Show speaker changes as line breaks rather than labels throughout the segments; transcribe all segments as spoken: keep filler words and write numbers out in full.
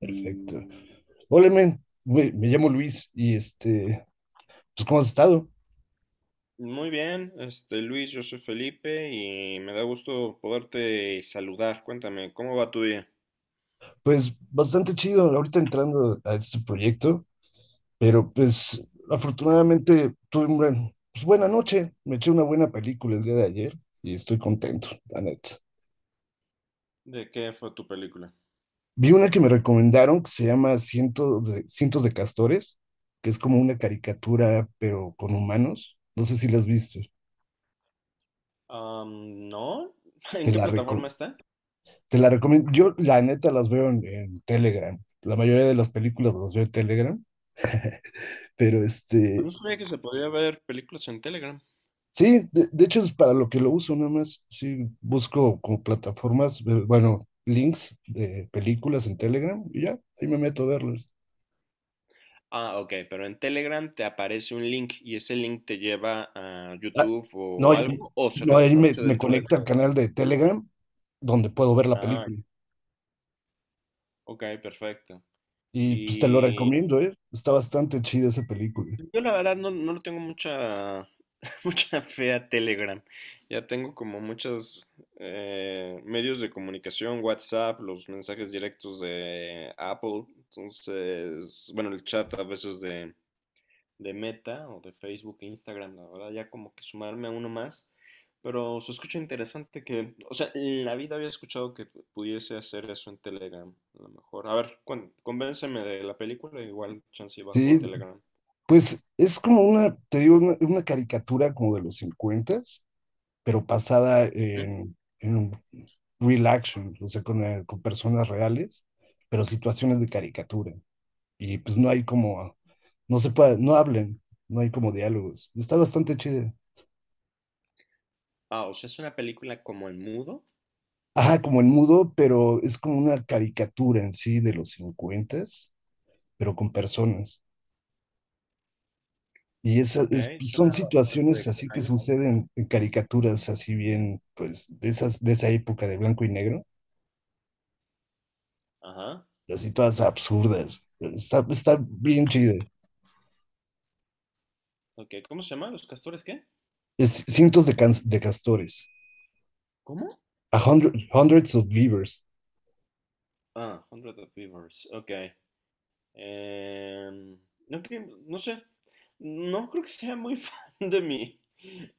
Perfecto. Hola, men. Me, me llamo Luis y este, pues, ¿cómo has estado?
Muy bien, este Luis, yo soy Felipe y me da gusto poderte saludar. Cuéntame, ¿cómo va tu día?
Pues bastante chido ahorita entrando a este proyecto, pero pues afortunadamente tuve una pues, buena noche. Me eché una buena película el día de ayer y estoy contento, la neta.
¿De qué fue tu película?
Vi una que me recomendaron que se llama Cientos de, Cientos de Castores, que es como una caricatura, pero con humanos. No sé si la has visto.
Am, no, ¿en
Te
qué
la,
plataforma
reco-
está?
Te la recomiendo. Yo, la neta, las veo en, en, Telegram. La mayoría de las películas las veo en Telegram, pero
A
este,
mí sabía que se podía ver películas en Telegram.
sí, de, de hecho es para lo que lo uso nada más. Sí, busco como plataformas, eh, bueno, links de películas en Telegram y ya, ahí me meto a verlos.
Ah, ok, pero en Telegram te aparece un link y ese link te lleva a
Ah,
YouTube
no,
o
y-
algo o se
no, ahí me,
reproduce
me
dentro de...
conecta al canal de Telegram donde puedo ver la
Ah,
película.
ok, perfecto.
Y pues te lo recomiendo, ¿eh? Está bastante chida esa película.
Yo la verdad no, no le tengo mucha, mucha fe a Telegram. Ya tengo como muchos eh, medios de comunicación, WhatsApp, los mensajes directos de Apple. Entonces, bueno, el chat a veces de, de Meta o de Facebook e Instagram, la verdad, ya como que sumarme a uno más. Pero se escucha interesante que, o sea, en la vida había escuchado que pu- pudiese hacer eso en Telegram, a lo mejor. A ver, cuen- convénceme de la película, igual chance y bajo a
Sí,
Telegram.
pues es como una, te digo, una, una, caricatura como de los cincuenta, pero basada en, en real action, o sea, con, eh, con personas reales, pero situaciones de caricatura. Y pues no hay como, no se puede, no hablen, no hay como diálogos. Está bastante chido.
Ah, o sea, es una película como en mudo.
Ajá, como en mudo, pero es como una caricatura en sí de los cincuenta, pero con personas. Y esas
Ok,
es- pues, son
suena bastante
situaciones así que
extraño.
suceden en caricaturas así bien, pues, de esas, de esa época de blanco y negro,
Ajá.
así todas absurdas. Está, está bien chido.
Ok, ¿cómo se llama? ¿Los castores qué?
Es cientos de, can de castores.
¿Cómo?
A hundred, hundreds of beavers.
Ah, Hundred of Beavers. Ok. Em, no, cre- no sé. No creo que sea muy fan de mi,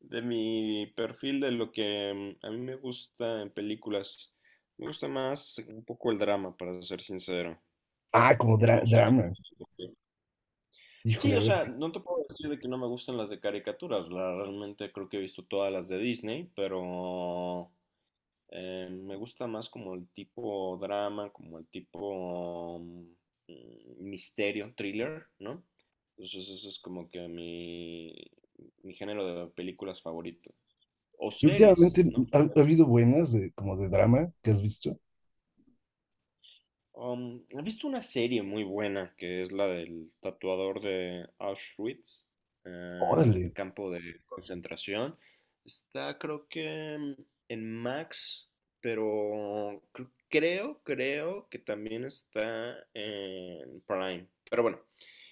de mi perfil, de lo que em, a mí me gusta en películas. Me gusta más un poco el drama, para ser sincero.
Ah, como dra-
No soy tan...
drama.
Sí,
Híjole, a
o
ver.
sea, no te puedo decir de que no me gustan las de caricaturas. La, realmente creo que he visto todas las de Disney, pero eh, me gusta más como el tipo drama, como el tipo mm, misterio, thriller, ¿no? Entonces eso es como que mi, mi género de películas favorito. O
Y
series,
últimamente
¿no?
ha, ha habido buenas de, como de drama que has visto.
Um, he visto una serie muy buena que es la del tatuador de Auschwitz, eh, el este
Órale.
campo de concentración. Está creo que mm, en Max, pero cre- creo, creo que también está en Prime. Pero bueno,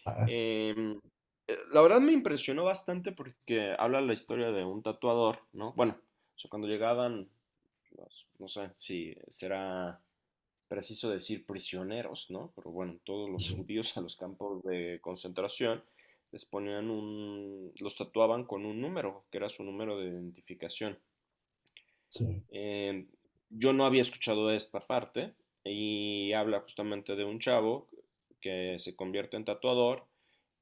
Ah,
em, eh, la verdad me impresionó bastante porque habla la historia de un tatuador, ¿no? Bueno, o sea, cuando llegaban, los- no sé si será preciso decir prisioneros, ¿no? Pero bueno, todos los
sí,
judíos a los campos de concentración les ponían un, los tatuaban con un número, que era su número de identificación.
sí.
Eh, yo no había escuchado esta parte y habla justamente de un chavo que se convierte en tatuador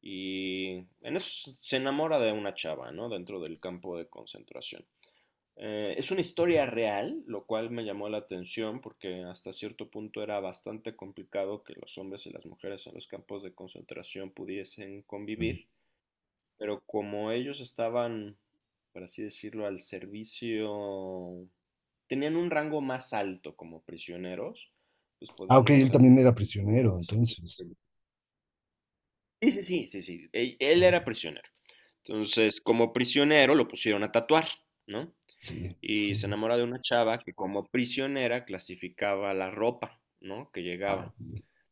y en eso se enamora de una chava, ¿no? Dentro del campo de concentración. Eh, es una historia real, lo cual me llamó la atención porque hasta cierto punto era bastante complicado que los hombres y las mujeres en los campos de concentración pudiesen convivir, pero como ellos estaban, por así decirlo, al servicio, tenían un rango más alto como prisioneros, pues
Ah, ok,
podían
él
gozar
también era
como
prisionero,
de ciertos...
entonces.
Sí, sí, sí, sí, sí, él él
Ah,
era prisionero. Entonces, como prisionero lo pusieron a tatuar, ¿no?
sí.
Y se
Sí.
enamora de una chava que como prisionera clasificaba la ropa, ¿no? Que llegaba.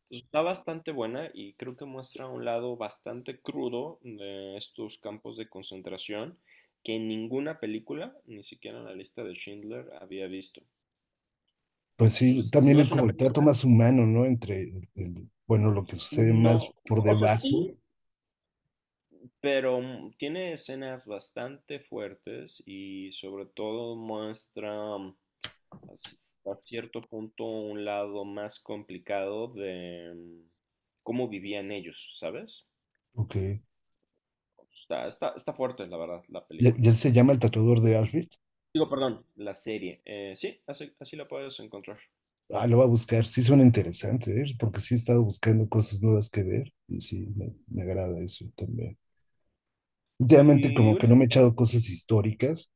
Entonces, está bastante buena y creo que muestra un lado bastante crudo de estos campos de concentración que en ninguna película, ni siquiera en la lista de Schindler, había visto.
Pues sí,
Entonces,
también
no
el,
es
como
una
el trato
película,
más humano, ¿no? Entre, el- el- bueno, lo que sucede más
no,
por
o sea,
debajo.
sí, pero mm, tiene escenas bastante fuertes y sobre todo muestra mm, hasta cierto punto un lado más complicado de mm, cómo vivían ellos, ¿sabes?
Ok.
Está, está, está fuerte, la verdad, la
¿Ya,
película.
ya se llama el tatuador de Auschwitz?
Digo, perdón, la serie. Eh, sí, así, así la puedes encontrar.
Ah, lo voy a buscar. Sí suena interesante, ¿eh? Porque sí he estado buscando cosas nuevas que ver y sí, me, me, agrada eso también. Últimamente
Y
como que no
último,
me he echado cosas históricas,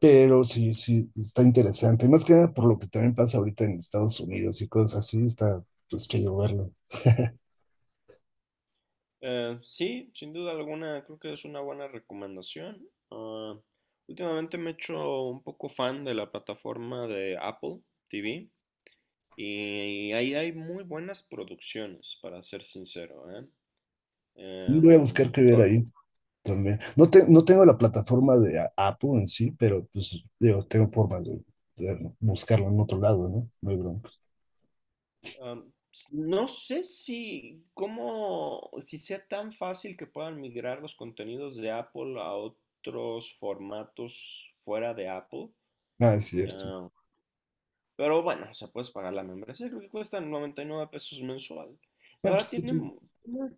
pero sí, sí, está interesante. Más que nada por lo que también pasa ahorita en Estados Unidos y cosas así, está pues chido verlo.
eh, sí, sin duda alguna, creo que es una buena recomendación. Ah, últimamente me he hecho un poco fan de la plataforma de Apple T V y ahí hay muy buenas producciones, para ser sincero, ¿eh?
Voy a
Em,
buscar qué ver
o-
ahí también. No, te- no tengo la plataforma de A- Apple en sí, pero pues digo, tengo formas de, de buscarlo en otro lado, ¿no? No hay bronca.
Am, no sé si, cómo, si sea tan fácil que puedan migrar los contenidos de Apple a otros formatos fuera de Apple.
Ah, es cierto.
Ah, pero bueno, se puedes pagar la membresía, creo que cuesta noventa y nueve pesos mensual. La
Ah,
verdad
pues, sí,
tiene,
sí.
mu- tiene,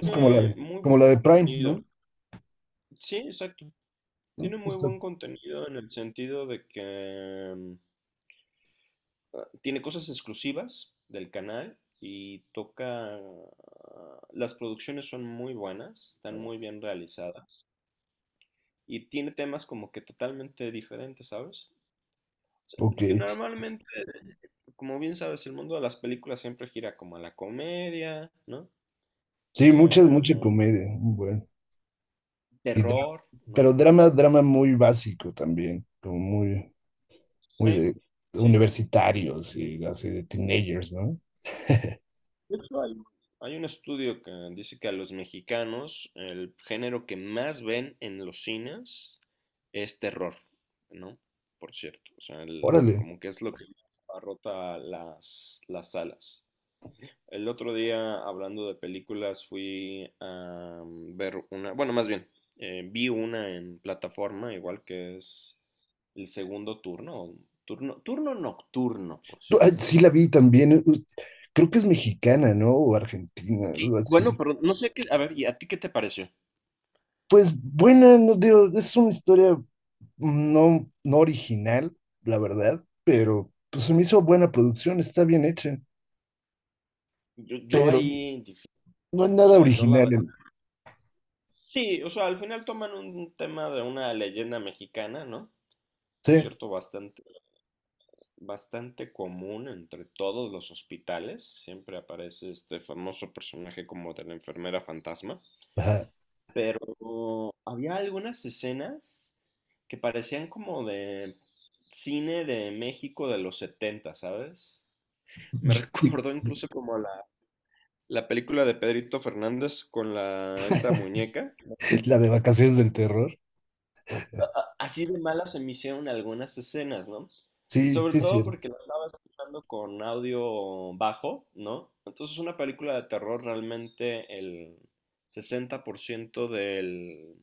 Es como la,
muy
como la
buen
de Prime,
contenido.
¿no?
Sí, exacto.
¿No?
Tiene muy
Está-
buen contenido en el sentido de que ah, tiene cosas exclusivas del canal y toca... ah, las producciones son muy buenas, están muy bien realizadas y tiene temas como que totalmente diferentes, ¿sabes? O sea,
ok.
porque normalmente, como bien sabes, el mundo de las películas siempre gira como a la comedia, ¿no?
Sí, mucha, mucha
Em,
comedia. Bueno. Y dra-
Terror, ¿no?
pero drama, drama muy básico también, como muy, muy de
Sí, sí,
universitarios y así de teenagers, ¿no?
de hecho, hay, hay un estudio que dice que a los mexicanos el género que más ven en los cines es terror, ¿no? Por cierto, o sea, el-
Órale.
como que es lo que más abarrota las, las salas. El otro día, hablando de películas, fui a ver una, bueno, más bien, eh, vi una en plataforma, igual que es el segundo turno, turno, turno nocturno, por
Tú-
cierto.
ah, Sí la vi también. uh, Creo que es mexicana, ¿no? O argentina,
Sí.
algo
Bueno,
así.
pero no sé qué, a ver, ¿y a ti qué te pareció?
Pues buena, no digo, es una historia no, no original, la verdad, pero pues se me hizo buena producción, está bien hecha,
Yo, yo
pero
ahí, dif-
no es
o
nada
sea, yo la verdad.
original.
Sí, o sea, al final toman un tema de una leyenda mexicana, ¿no? Por
Sí,
cierto, bastante, bastante común entre todos los hospitales. Siempre aparece este famoso personaje como de la enfermera fantasma.
ajá.
Pero había algunas escenas que parecían como de cine de México de los setenta, ¿sabes? Me
Y
recordó incluso como la, la película de Pedrito Fernández con la, esta muñeca.
la de vacaciones del terror.
A- así de malas se me hicieron algunas escenas, ¿no?
Sí,
Sobre
sí, es
todo
cierto.
porque la estaba escuchando con audio bajo, ¿no? Entonces una película de terror realmente el sesenta por ciento del,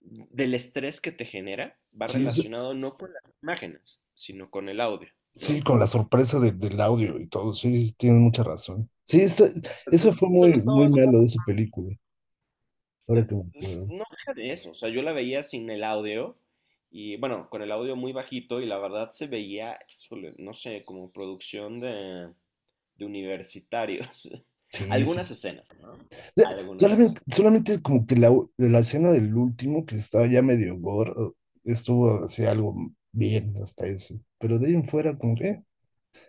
del estrés que te genera va
Sí, sí,
relacionado no con las imágenes, sino con el audio,
sí,
¿no?
con la sorpresa de- del audio y todo. Sí, tienes mucha razón. Sí, eso, eso
Entonces
fue
yo lo
muy,
estaba...
muy malo de esa película. Ahora que me
es-
acuerdo.
No deja de eso, o sea, yo la veía sin el audio y bueno, con el audio muy bajito y la verdad se veía, híjole, no sé, como producción de de universitarios.
Sí, sí.
Algunas escenas, ¿no?
Ya,
Algunas
Solamente,
escenas.
solamente como que la, u- la escena del último, que estaba ya medio gore, estuvo así algo bien hasta eso. Pero de ahí en fuera, como que. eh,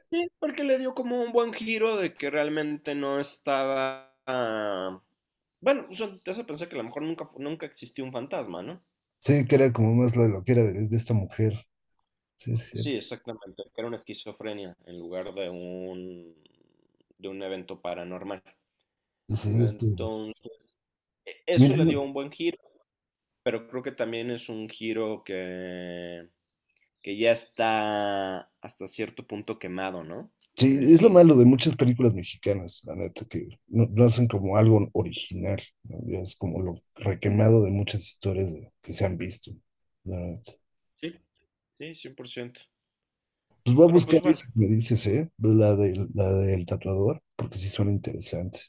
Sí, porque le dio como un buen giro de que realmente no estaba... ah, bueno, eso te hace pensar que a lo mejor nunca, fu- nunca existió un fantasma, ¿no?
Sí, que era como más la loquera de, de, esta mujer. Sí, es
Sí,
cierto.
exactamente, que era una esquizofrenia en lugar de un, de un evento paranormal.
Sí, es cierto.
Entonces, e- eso
Mira,
le dio un buen giro. Pero creo que también es un giro que, que ya está hasta cierto punto quemado, ¿no? En
sí,
el
es lo
cine.
malo de muchas películas mexicanas, la neta, que no, no hacen como algo original, ¿no? Ya es como lo requemado de muchas historias de- que se han visto, la neta.
Sí. Sí, cien por ciento.
Pues voy a
Pero
buscar
pues bueno,
esa que me dices, ¿eh? La del, la del tatuador, porque sí suena interesante.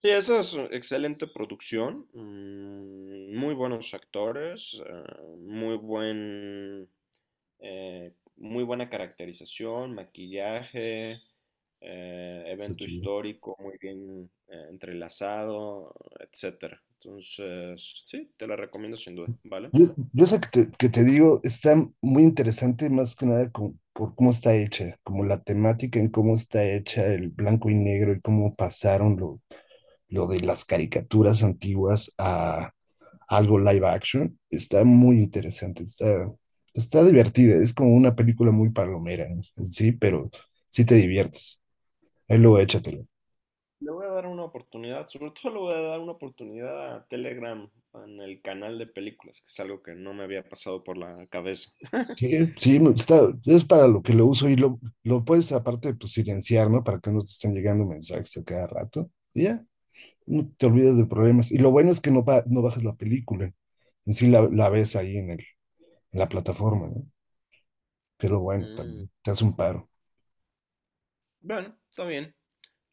sí, esa es excelente producción, mm, muy buenos actores, eh, muy buen, eh, muy buena caracterización, maquillaje, eh,
Está
evento
chido.
histórico muy bien eh, entrelazado, etcétera. Entonces, sí, te la recomiendo sin duda, ¿vale?
Yo, yo sé que te, que te, digo, está muy interesante más que nada con- por cómo está hecha, como la temática en cómo está hecha el blanco y negro y cómo pasaron lo, lo de las caricaturas antiguas a algo live action. Está muy interesante, está, está divertida, es como una película muy palomera en sí, pero sí te diviertes. Ahí luego échatelo.
Le voy a dar una oportunidad, sobre todo le voy a dar una oportunidad a Telegram en el canal de películas, que es algo que no me había pasado por la cabeza.
Sí, sí, me- está, es para lo que lo uso y lo, lo puedes aparte pues silenciar, ¿no? Para que no te estén llegando mensajes a cada rato. Y ya, no te olvidas de problemas. Y lo bueno es que no, ba- no bajas la película, en sí la, la ves ahí en, el, en la plataforma, ¿no? Que es lo bueno
Mm.
también, te hace un paro.
Bueno, está bien.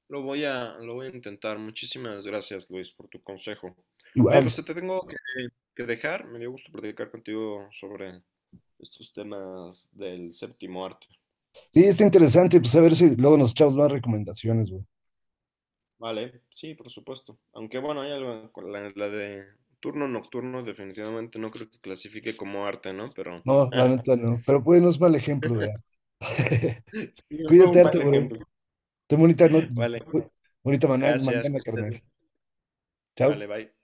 Lo voy a, lo voy a intentar. Muchísimas gracias, Luis, por tu consejo. Oye, pues
Igual,
te tengo que, que dejar. Me dio gusto platicar contigo sobre estos temas del séptimo arte.
sí, está interesante, pues a ver si luego nos echamos más recomendaciones, güey.
Vale, sí, por supuesto. Aunque bueno, hay algo con la, la de turno nocturno, definitivamente no creo que clasifique como arte, ¿no? Pero
No, la neta no, pero pues no es mal ejemplo de arte.
sí, fue
Cuídate,
un
arte,
mal
bro.
ejemplo.
Ten bonita, no,
Vale,
bonita mana-
gracias, que
mañana,
estés
carnal.
bien.
Chao.
Vale, bye.